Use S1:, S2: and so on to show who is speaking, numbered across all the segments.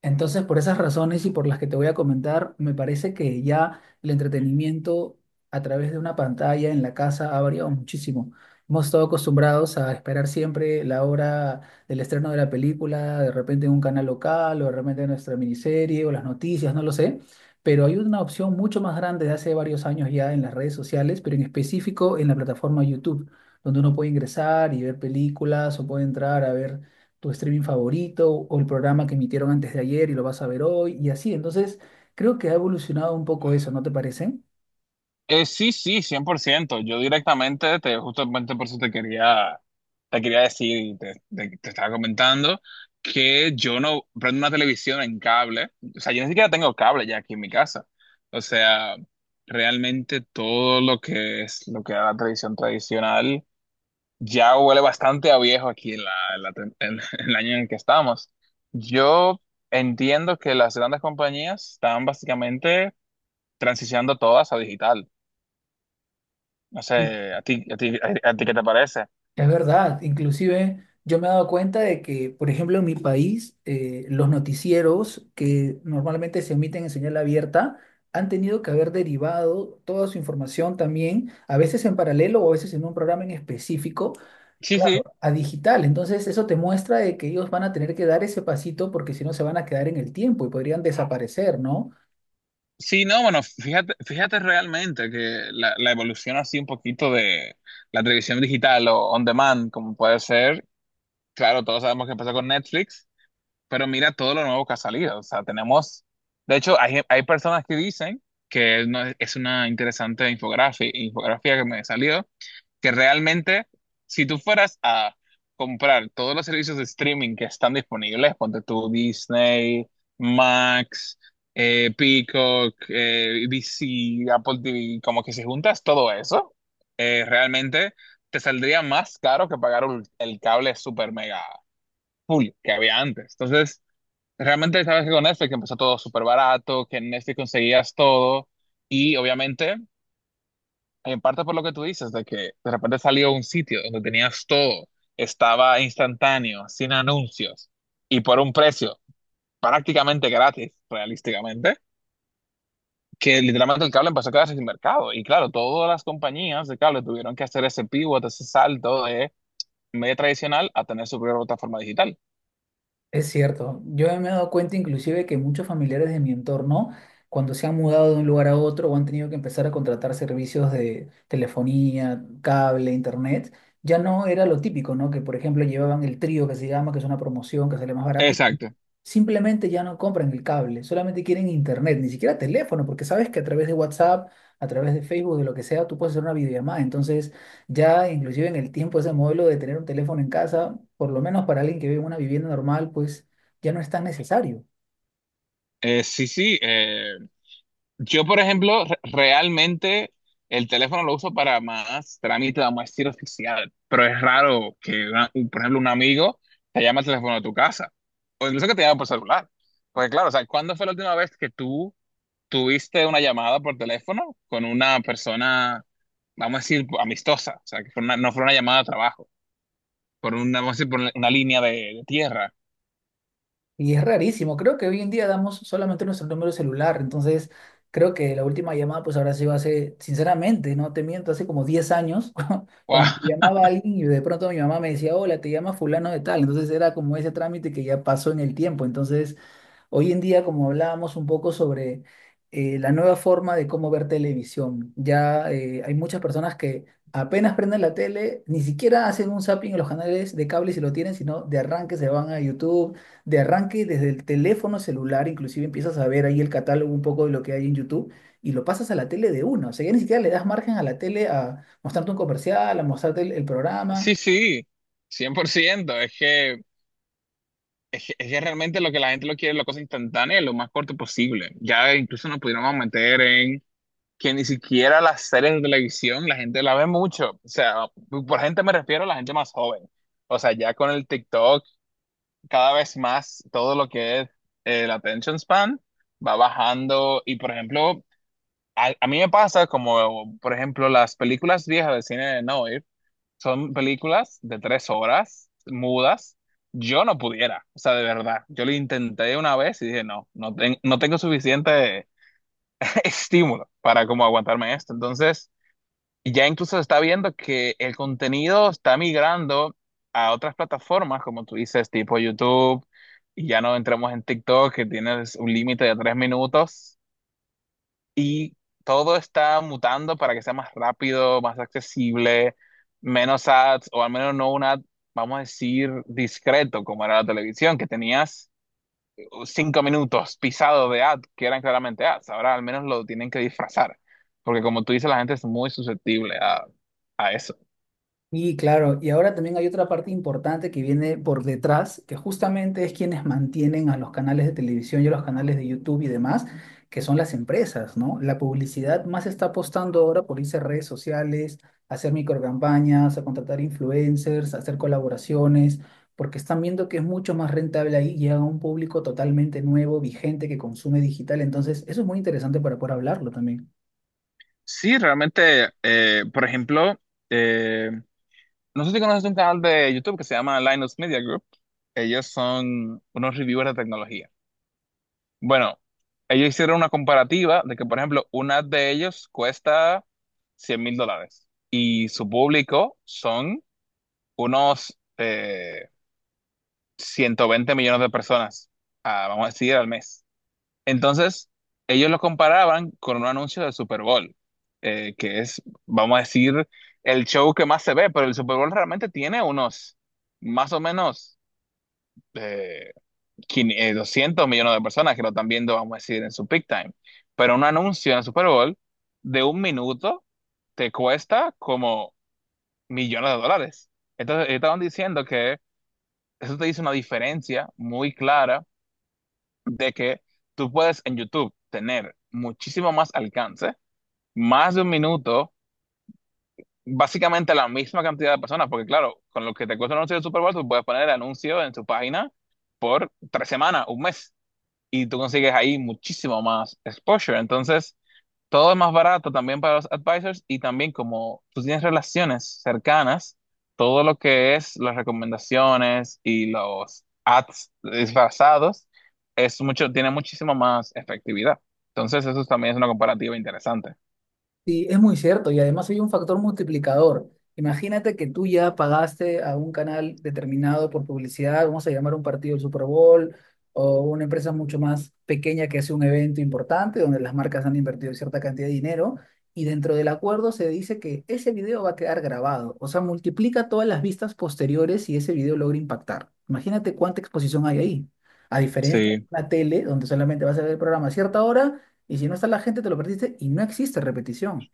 S1: Entonces, por esas razones y por las que te voy a comentar, me parece que ya el entretenimiento a través de una pantalla en la casa ha variado muchísimo. Hemos estado acostumbrados a esperar siempre la hora del estreno de la película, de repente en un canal local o de repente en nuestra miniserie o las noticias, no lo sé. Pero hay una opción mucho más grande de hace varios años ya en las redes sociales, pero en específico en la plataforma YouTube, donde uno puede ingresar y ver películas o puede entrar a ver tu streaming favorito o el programa que emitieron antes de ayer y lo vas a ver hoy y así. Entonces, creo que ha evolucionado un poco eso, ¿no te parece?
S2: Sí, sí, cien por ciento. Yo directamente, justamente por eso te quería decir, y te estaba comentando, que yo no prendo una televisión en cable. O sea, yo ni siquiera tengo cable ya aquí en mi casa. O sea, realmente todo lo que es, lo que era la televisión tradicional, ya huele bastante a viejo aquí en en la en el año en el que estamos. Yo entiendo que las grandes compañías están básicamente transicionando todas a digital. No
S1: Sí.
S2: sé, ¿a ti, a ti qué te parece?
S1: Es verdad, inclusive yo me he dado cuenta de que, por ejemplo, en mi país, los noticieros que normalmente se emiten en señal abierta han tenido que haber derivado toda su información también, a veces en paralelo o a veces en un programa en específico.
S2: Sí,
S1: Claro,
S2: sí.
S1: a digital. Entonces, eso te muestra de que ellos van a tener que dar ese pasito porque si no se van a quedar en el tiempo y podrían desaparecer, ¿no?
S2: Sí, no, bueno, fíjate realmente que la evolución así un poquito de la televisión digital o on demand, como puede ser, claro, todos sabemos que empezó con Netflix, pero mira todo lo nuevo que ha salido. O sea, tenemos, de hecho, hay personas que dicen que no, es una interesante infografía que me salió, que realmente, si tú fueras a comprar todos los servicios de streaming que están disponibles, ponte tú Disney, Max, Peacock, DC, Apple TV, como que si juntas todo eso, realmente te saldría más caro que pagar el cable super mega full que había antes. Entonces, realmente sabes que con Netflix empezó todo súper barato, que en Netflix conseguías todo y obviamente en parte por lo que tú dices, de que de repente salió un sitio donde tenías todo, estaba instantáneo, sin anuncios y por un precio prácticamente gratis, realísticamente, que literalmente el cable empezó a quedarse sin mercado. Y claro, todas las compañías de cable tuvieron que hacer ese pivot, ese salto de medio tradicional a tener su propia plataforma digital.
S1: Es cierto, yo me he dado cuenta inclusive que muchos familiares de mi entorno, cuando se han mudado de un lugar a otro o han tenido que empezar a contratar servicios de telefonía, cable, internet, ya no era lo típico, ¿no? Que por ejemplo llevaban el trío que se llama, que es una promoción que sale más barato.
S2: Exacto.
S1: Simplemente ya no compran el cable, solamente quieren internet, ni siquiera teléfono, porque sabes que a través de WhatsApp, a través de Facebook, de lo que sea, tú puedes hacer una videollamada. Entonces, ya inclusive en el tiempo ese modelo de tener un teléfono en casa, por lo menos para alguien que vive en una vivienda normal, pues ya no es tan necesario.
S2: Sí, sí. Yo, por ejemplo, realmente el teléfono lo uso para más trámite, vamos a decir, oficial, pero es raro que, por ejemplo, un amigo te llame al teléfono de tu casa o incluso que te llame por celular. Porque claro, o sea, ¿cuándo fue la última vez que tú tuviste una llamada por teléfono con una persona, vamos a decir, amistosa? O sea, que fue no fue una llamada de trabajo, por una, vamos a decir, por una línea de tierra.
S1: Y es rarísimo. Creo que hoy en día damos solamente nuestro número celular. Entonces, creo que la última llamada pues habrá sido hace, sinceramente, no te miento, hace como 10 años,
S2: Wow.
S1: cuando llamaba a alguien y de pronto mi mamá me decía, hola, te llama fulano de tal. Entonces era como ese trámite que ya pasó en el tiempo. Entonces, hoy en día, como hablábamos un poco sobre la nueva forma de cómo ver televisión, ya hay muchas personas que apenas prenden la tele, ni siquiera hacen un zapping en los canales de cable si lo tienen, sino de arranque se van a YouTube, de arranque desde el teléfono celular, inclusive empiezas a ver ahí el catálogo un poco de lo que hay en YouTube y lo pasas a la tele de uno. O sea, ya ni siquiera le das margen a la tele a mostrarte un comercial, a mostrarte el programa.
S2: Sí, sí, cien por ciento. Es que... Es que, es que realmente lo que la gente lo quiere es la cosa instantánea y lo más corto posible. Ya incluso nos pudiéramos meter en que ni siquiera las series de televisión la gente la ve mucho. O sea, por gente me refiero a la gente más joven. O sea, ya con el TikTok, cada vez más todo lo que es el attention span va bajando. Y por ejemplo, a mí me pasa como, por ejemplo, las películas viejas de cine de Noir son películas de 3 horas, mudas. Yo no pudiera, o sea, de verdad. Yo lo intenté una vez y dije, no, no, no tengo suficiente estímulo para como aguantarme esto. Entonces, ya incluso se está viendo que el contenido está migrando a otras plataformas, como tú dices, tipo YouTube, y ya no entramos en TikTok, que tienes un límite de 3 minutos. Y todo está mutando para que sea más rápido, más accesible, menos ads, o al menos no un ad, vamos a decir, discreto, como era la televisión, que tenías 5 minutos pisados de ad, que eran claramente ads. Ahora al menos lo tienen que disfrazar, porque como tú dices, la gente es muy susceptible a eso.
S1: Y claro, y ahora también hay otra parte importante que viene por detrás, que justamente es quienes mantienen a los canales de televisión y a los canales de YouTube y demás, que son las empresas, ¿no? La publicidad más está apostando ahora por irse a redes sociales, a hacer microcampañas, a contratar influencers, a hacer colaboraciones, porque están viendo que es mucho más rentable ahí, llega a un público totalmente nuevo, vigente, que consume digital. Entonces, eso es muy interesante para poder hablarlo también.
S2: Sí, realmente, por ejemplo, eh, no sé si conoces un canal de YouTube que se llama Linus Media Group. Ellos son unos reviewers de tecnología. Bueno, ellos hicieron una comparativa de que, por ejemplo, una de ellos cuesta $100.000 y su público son unos 120 millones de personas, vamos a decir, al mes. Entonces, ellos lo comparaban con un anuncio del Super Bowl, que es, vamos a decir, el show que más se ve, pero el Super Bowl realmente tiene unos, más o menos... eh, 200 millones de personas que lo están viendo, vamos a decir, en su peak time. Pero un anuncio en el Super Bowl de un minuto te cuesta como millones de dólares. Entonces, ellos estaban diciendo que eso te dice una diferencia muy clara de que tú puedes en YouTube tener muchísimo más alcance, más de un minuto, básicamente la misma cantidad de personas, porque claro, con lo que te cuesta un anuncio de Super Bowl, tú puedes poner el anuncio en tu página por 3 semanas, un mes. Y tú consigues ahí muchísimo más exposure. Entonces, todo es más barato también para los advisors y también como tú tienes relaciones cercanas, todo lo que es las recomendaciones y los ads disfrazados es mucho, tiene muchísimo más efectividad. Entonces, eso también es una comparativa interesante.
S1: Sí, es muy cierto y además hay un factor multiplicador. Imagínate que tú ya pagaste a un canal determinado por publicidad, vamos a llamar un partido del Super Bowl o una empresa mucho más pequeña que hace un evento importante donde las marcas han invertido cierta cantidad de dinero y dentro del acuerdo se dice que ese video va a quedar grabado, o sea, multiplica todas las vistas posteriores y ese video logra impactar. Imagínate cuánta exposición hay ahí. A diferencia de
S2: Sí,
S1: una tele donde solamente vas a ver el programa a cierta hora y si no está la gente, te lo perdiste y no existe repetición.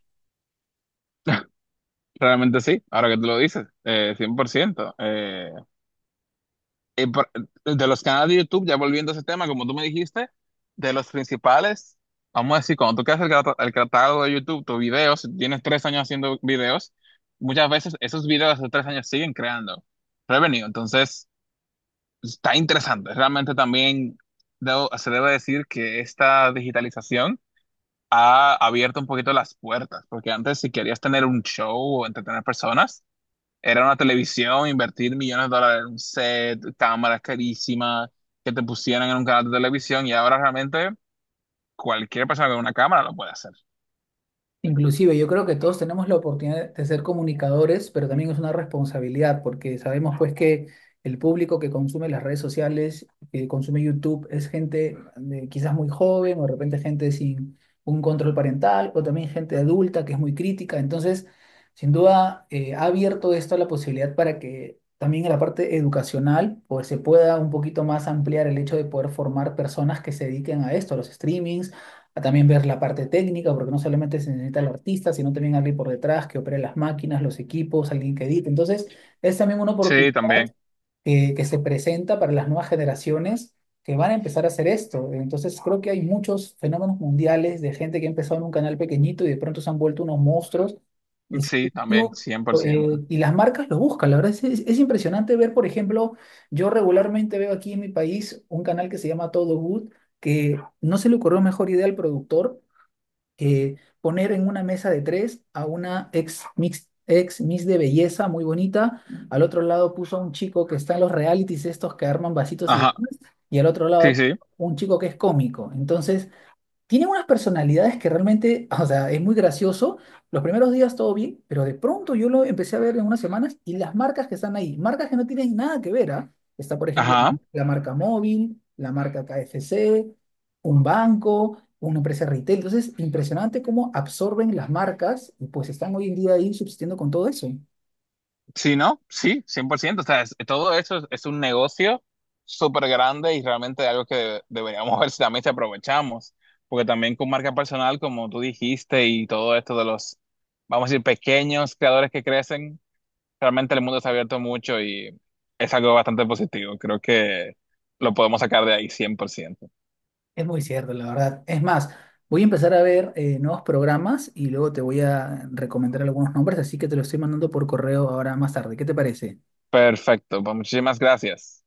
S2: realmente sí, ahora que tú lo dices, 100%. Y por- de los canales de YouTube, ya volviendo a ese tema, como tú me dijiste, de los principales, vamos a decir, cuando tú creas el catálogo de YouTube, tus videos, si tienes 3 años haciendo videos, muchas veces esos videos de 3 años siguen creando revenue. Entonces, está interesante. Realmente también se debe decir que esta digitalización ha abierto un poquito las puertas, porque antes si querías tener un show o entretener personas, era una televisión, invertir millones de dólares en un set, cámaras carísimas, que te pusieran en un canal de televisión y ahora realmente cualquier persona con una cámara lo puede hacer.
S1: Inclusive, yo creo que todos tenemos la oportunidad de ser comunicadores, pero también es una responsabilidad, porque sabemos pues que el público que consume las redes sociales, que consume YouTube, es gente de- quizás muy joven, o de repente gente sin un control parental, o también gente adulta que es muy crítica. Entonces, sin duda, ha abierto esto la posibilidad para que también en la parte educacional, pues se pueda un poquito más ampliar el hecho de poder formar personas que se dediquen a esto, a los streamings, a también ver la parte técnica, porque no solamente se necesita el artista, sino también alguien por detrás que opere las máquinas, los equipos, alguien que edite. Entonces, es también una oportunidad
S2: Sí, también.
S1: que se presenta para las nuevas generaciones que van a empezar a hacer esto. Entonces creo que hay muchos fenómenos mundiales de gente que ha empezado en un canal pequeñito y de pronto se han vuelto unos monstruos y, está
S2: Sí,
S1: en
S2: también,
S1: YouTube,
S2: cien por ciento.
S1: y las marcas lo buscan. La verdad es impresionante ver, por ejemplo, yo regularmente veo aquí en mi país un canal que se llama Todo Good, que no se le ocurrió mejor idea al productor poner en una mesa de tres a una ex miss de belleza muy bonita. Al otro lado puso a un chico que está en los realities estos que arman vasitos y
S2: Ajá,
S1: demás, y al otro
S2: sí,
S1: lado
S2: sí.
S1: un chico que es cómico. Entonces, tienen unas personalidades que realmente, o sea, es muy gracioso. Los primeros días todo bien, pero de pronto yo lo empecé a ver en unas semanas y las marcas que están ahí, marcas que no tienen nada que ver, ¿ah? Está, por ejemplo,
S2: Ajá,
S1: la marca móvil, la marca KFC, un banco, una empresa retail. Entonces, impresionante cómo absorben las marcas y pues están hoy en día ahí subsistiendo con todo eso.
S2: sí, ¿no? Sí, cien por ciento. O sea, todo eso es un negocio súper grande y realmente algo que deberíamos ver si también se aprovechamos. Porque también con marca personal, como tú dijiste, y todo esto de los, vamos a decir, pequeños creadores que crecen, realmente el mundo se ha abierto mucho y es algo bastante positivo. Creo que lo podemos sacar de ahí cien por ciento.
S1: Es muy cierto, la verdad. Es más, voy a empezar a ver nuevos programas y luego te voy a recomendar algunos nombres, así que te los estoy mandando por correo ahora más tarde. ¿Qué te parece?
S2: Perfecto, pues muchísimas gracias.